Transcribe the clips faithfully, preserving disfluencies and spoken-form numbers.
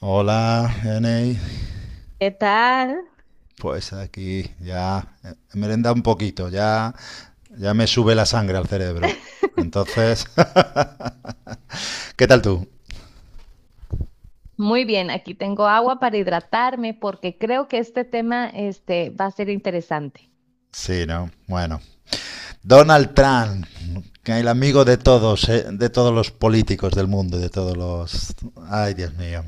Hola, Enei. ¿Qué tal? Pues aquí ya eh, he merendado un poquito, ya, ya me sube la sangre al cerebro. Entonces, ¿qué tal tú? Muy bien, aquí tengo agua para hidratarme porque creo que este tema este, va a ser interesante. Sí, ¿no? Bueno. Donald Trump, que el amigo de todos, eh, de todos los políticos del mundo, de todos los... Ay, Dios mío.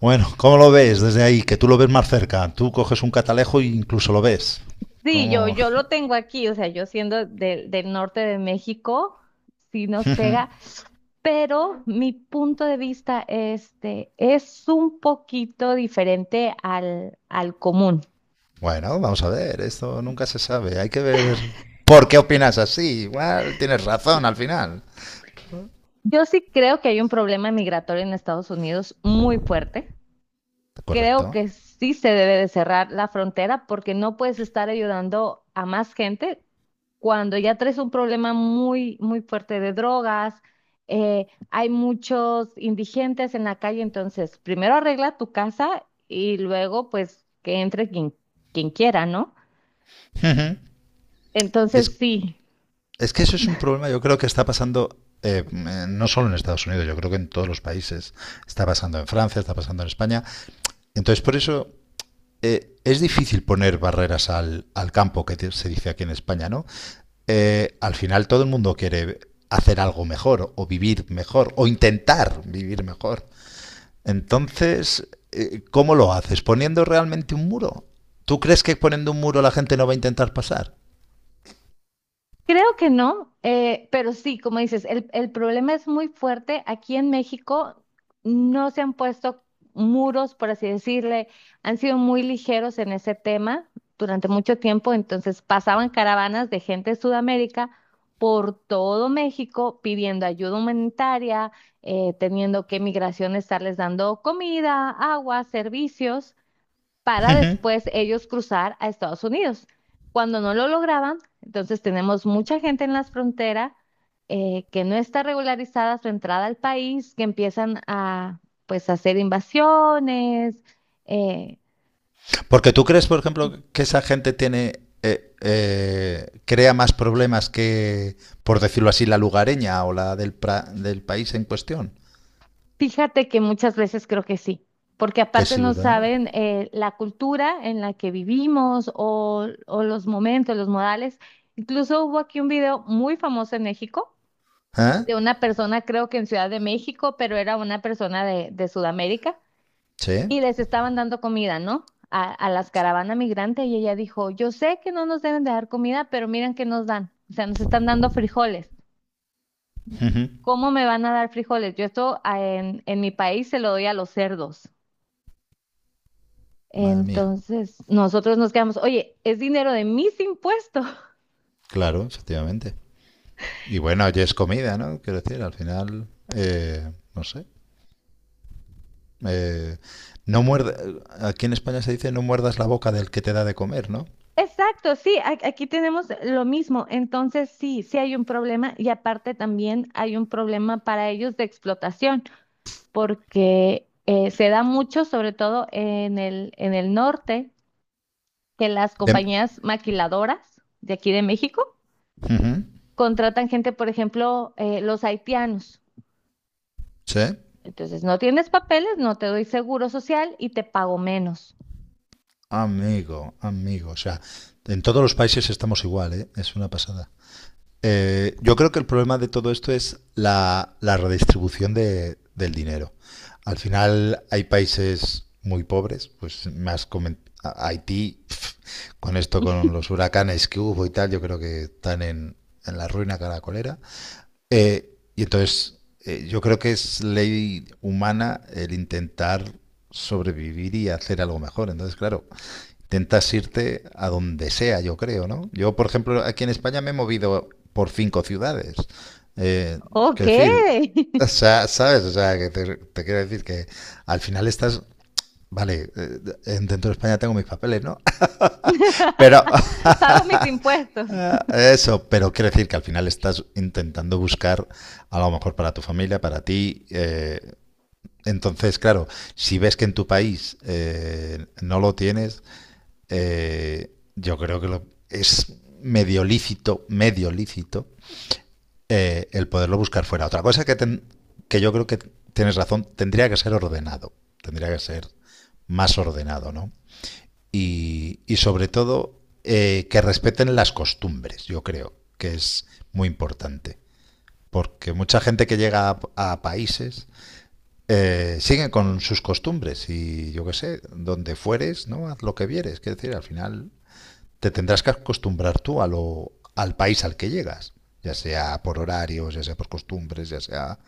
Bueno, ¿cómo lo ves desde ahí? Que tú lo ves más cerca. Tú coges un catalejo e incluso lo ves. Sí, yo, ¿Cómo? yo lo tengo aquí, o sea, yo siendo del del norte de México, sí nos pega, pero mi punto de vista este, es un poquito diferente al, al común. Bueno, vamos a ver, esto nunca se sabe. Hay que ver por qué opinas así. Igual tienes Sí. razón al final. Yo sí creo que hay un problema migratorio en Estados Unidos muy fuerte. Creo Correcto. que sí se debe de cerrar la frontera porque no puedes estar ayudando a más gente cuando ya traes un problema muy, muy fuerte de drogas. Eh, hay muchos indigentes en la calle, entonces primero arregla tu casa y luego pues que entre quien, quien quiera, ¿no? Uh-huh. Entonces Es, sí. es que eso es un problema, yo creo que está pasando eh, no solo en Estados Unidos, yo creo que en todos los países. Está pasando en Francia, está pasando en España. Entonces, por eso eh, es difícil poner barreras al, al campo, que se dice aquí en España, ¿no? Eh, al final todo el mundo quiere hacer algo mejor o vivir mejor o intentar vivir mejor. Entonces, eh, ¿cómo lo haces? ¿Poniendo realmente un muro? ¿Tú crees que poniendo un muro la gente no va a intentar pasar? Creo que no, eh, pero sí, como dices, el, el problema es muy fuerte. Aquí en México no se han puesto muros, por así decirle, han sido muy ligeros en ese tema durante mucho tiempo, entonces pasaban caravanas de gente de Sudamérica por todo México pidiendo ayuda humanitaria, eh, teniendo que migración estarles dando comida, agua, servicios para después ellos cruzar a Estados Unidos. Cuando no lo lograban, entonces tenemos mucha gente en las fronteras eh, que no está regularizada su entrada al país, que empiezan a pues hacer invasiones. eh, Porque tú crees, por ejemplo, que esa gente tiene eh, eh, crea más problemas que, por decirlo así, la lugareña o la del, pra- del país en cuestión. fíjate que muchas veces creo que sí, porque Que aparte sí, no ¿verdad? saben eh, la cultura en la que vivimos o, o los momentos, los modales. Incluso hubo aquí un video muy famoso en México ¿Eh? de una persona, creo que en Ciudad de México, pero era una persona de, de Sudamérica, Sí. y les estaban dando comida, ¿no? A, a las caravanas migrantes, y ella dijo, yo sé que no nos deben de dar comida, pero miren que nos dan, o sea, nos están dando frijoles. ¿Cómo me van a dar frijoles? Yo esto ah, en, en mi país se lo doy a los cerdos. Madre mía. Entonces, nosotros nos quedamos, oye, es dinero de mis impuestos. Claro, efectivamente. Y bueno, ya es comida, ¿no? Quiero decir, al final, eh, no sé. Eh, no muerde, aquí en España se dice no muerdas la boca del que te da de comer, ¿no? Exacto, sí, a- aquí tenemos lo mismo. Entonces, sí, sí hay un problema y aparte también hay un problema para ellos de explotación, porque eh, se da mucho, sobre todo en el, en el norte, que las De- compañías maquiladoras de aquí de México Ujú, contratan gente, por ejemplo, eh, los haitianos. sí, Entonces, no tienes papeles, no te doy seguro social y te pago menos. amigo, amigo. O sea, en todos los países estamos igual, ¿eh? Es una pasada. Eh, yo creo que el problema de todo esto es la, la redistribución de- del dinero. Al final hay países muy pobres, pues más comen- a- Haití, pf, con esto, con los huracanes que hubo y tal, yo creo que están en, en la ruina caracolera. Eh, y entonces, eh, yo creo que es ley humana el intentar sobrevivir y hacer algo mejor. Entonces, claro, intentas irte a donde sea, yo creo, ¿no? Yo, por ejemplo, aquí en España me he movido por cinco ciudades. Eh, Ok. Quiero decir, o sea, ¿sabes? O sea, que te, te quiero decir que al final estás, vale, eh, en- dentro de España tengo mis papeles, ¿no? Pero... Pago mis impuestos. Eso, pero quiero decir que al final estás intentando buscar a lo mejor para tu familia, para ti. Eh, entonces, claro, si ves que en tu país eh, no lo tienes, eh, yo creo que lo- es medio lícito, medio lícito eh, el poderlo buscar fuera. Otra cosa que, ten- que yo creo que tienes razón, tendría que ser ordenado, tendría que ser más ordenado, ¿no? Y, y sobre todo eh, que respeten las costumbres, yo creo, que es muy importante. Porque mucha gente que llega a, a países eh, sigue con sus costumbres y yo qué sé, donde fueres, ¿no? Haz lo que vieres. Quiero decir, al final te tendrás que acostumbrar tú a lo, al país al que llegas, ya sea por horarios, ya sea por costumbres, ya sea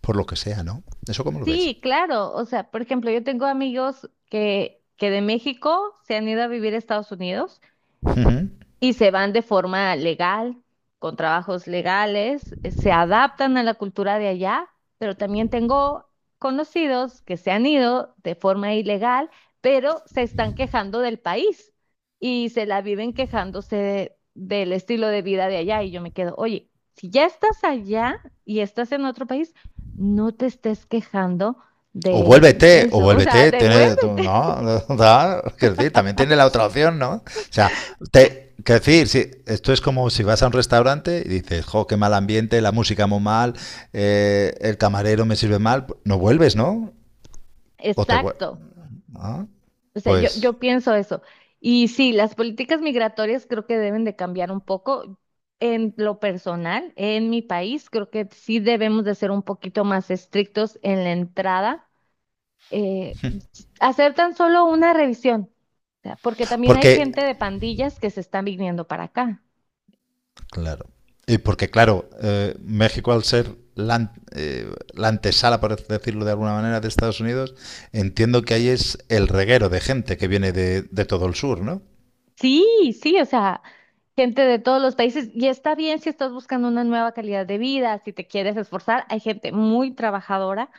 por lo que sea, ¿no? ¿Eso cómo lo ves? Sí, claro. O sea, por ejemplo, yo tengo amigos que, que de México se han ido a vivir a Estados Unidos Uh -huh. y se van de forma legal, con trabajos legales, eh, se adaptan a la cultura de allá, pero también tengo conocidos que se han ido de forma ilegal, pero se están quejando del país y se la viven quejándose de- del estilo de vida de allá y yo me quedo, oye, si ya estás allá y estás en otro país, no te estés quejando O de de vuélvete, o eso, o sea, vuélvete, tiene, devuélvete. no, no, quiero decir, también tiene la otra opción, ¿no? O sea, te, quiero decir, si, esto es como si vas a un restaurante y dices, jo, qué mal ambiente, la música muy mal, eh, el camarero me sirve mal, pues, no vuelves, ¿no? O te vuelves, Exacto. ¿no? O sea, yo, Pues, yo pienso eso. Y sí, las políticas migratorias creo que deben de cambiar un poco. En lo personal, en mi país, creo que sí debemos de ser un poquito más estrictos en la entrada. eh, Hacer tan solo una revisión, o sea, porque también hay porque, gente de pandillas que se están viniendo para acá. claro, y porque, claro, eh, México al ser la, eh, la antesala, por decirlo de alguna manera, de Estados Unidos, entiendo que ahí es el reguero de gente que viene de, de todo el sur, ¿no? Sí, sí, o sea, gente de todos los países. Y está bien si estás buscando una nueva calidad de vida, si te quieres esforzar. Hay gente muy trabajadora.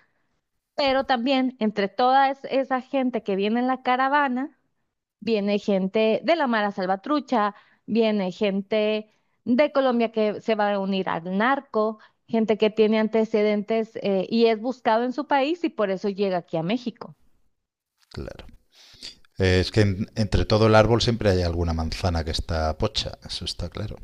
Pero también entre toda es- esa gente que viene en la caravana, viene gente de la Mara Salvatrucha, viene gente de Colombia que se va a unir al narco, gente que tiene antecedentes eh, y es buscado en su país y por eso llega aquí a México. Claro. Eh, es que en- entre todo el árbol siempre hay alguna manzana que está pocha, eso está claro.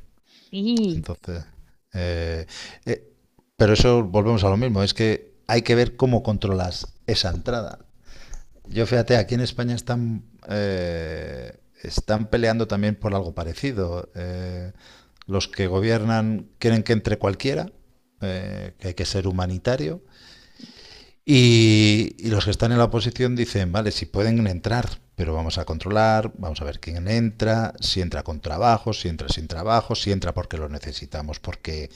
Sí, Entonces, eh, eh, pero eso volvemos a lo mismo, es que hay que ver cómo controlas esa entrada. Yo fíjate, aquí en España están, eh, están peleando también por algo parecido. Eh, los que gobiernan quieren que entre cualquiera, eh, que hay que ser humanitario, y, y los que están en la oposición dicen, vale, si pueden entrar, pero vamos a controlar, vamos a ver quién entra, si entra con trabajo, si entra sin trabajo, si entra porque lo necesitamos, porque,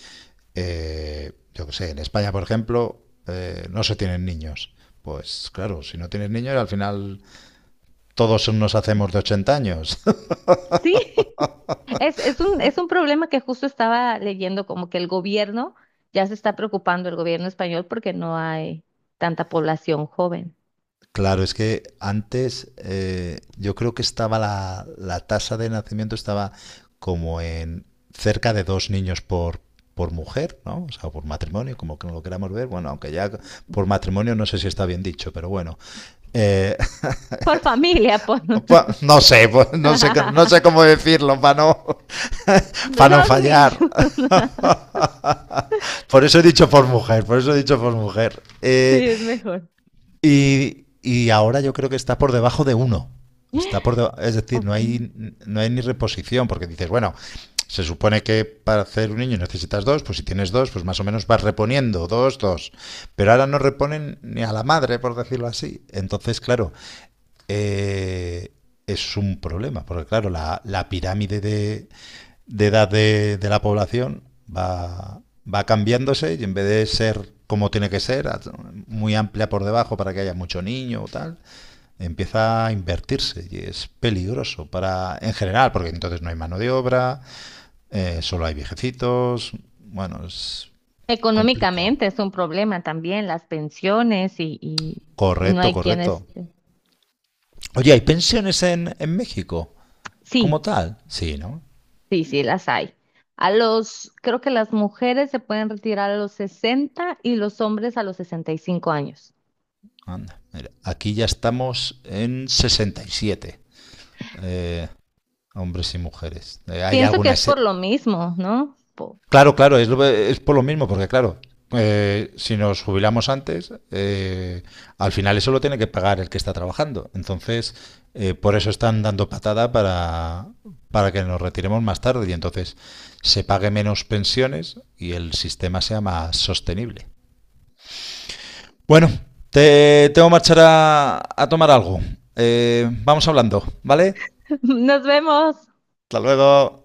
eh, yo qué sé, en España, por ejemplo, eh, no se tienen niños. Pues claro, si no tienes niños, al final todos nos hacemos de ochenta años. sí, es, es un, es un problema que justo estaba leyendo, como que el gobierno ya se está preocupando, el gobierno español, porque no hay tanta población joven. Claro, es que antes eh, yo creo que estaba la, la tasa de nacimiento estaba como en cerca de dos niños por, por mujer, ¿no? O sea, por matrimonio, como que no lo queramos ver. Bueno, aunque ya por matrimonio no sé si está bien dicho, pero bueno. Eh, Por familia, por... pues, no sé, pues, no sé, c- no sé cómo decirlo para no, para no Dos niños. fallar. Por eso he dicho por mujer, por eso he dicho por mujer. Eh, Sí, es mejor. Y, y ahora yo creo que está por debajo de uno. Está por deba- es decir, no Ok. hay, no hay ni reposición, porque dices, bueno, se supone que para hacer un niño necesitas dos, pues si tienes dos, pues más o menos vas reponiendo, dos, dos. Pero ahora no reponen ni a la madre, por decirlo así. Entonces, claro, eh, es un problema, porque claro, la, la pirámide de, de edad de, de la población va, va cambiándose y en vez de ser como tiene que ser, muy amplia por debajo para que haya mucho niño o tal, empieza a invertirse y es peligroso para en general, porque entonces no hay mano de obra, eh, solo hay viejecitos, bueno, es complicado. Económicamente es un problema también, las pensiones y, y, y no Correcto, hay quienes... correcto. Oye, ¿hay pensiones en, en México como Sí, tal? Sí, ¿no? sí, sí, las hay. A los, creo que las mujeres se pueden retirar a los sesenta y los hombres a los sesenta y cinco años. Anda, mira, aquí ya estamos en sesenta y siete. Eh, hombres y mujeres. Eh, hay Pienso que es algunas. por lo mismo, ¿no? Po- Claro, claro, es, lo- es por lo mismo, porque claro, eh, si nos jubilamos antes, eh, al final eso lo tiene que pagar el que está trabajando. Entonces, eh, por eso están dando patada para, para que nos retiremos más tarde y entonces se pague menos pensiones y el sistema sea más sostenible. Bueno, te tengo que marchar a, a tomar algo. Eh, vamos hablando, ¿vale? Nos vemos. Hasta luego.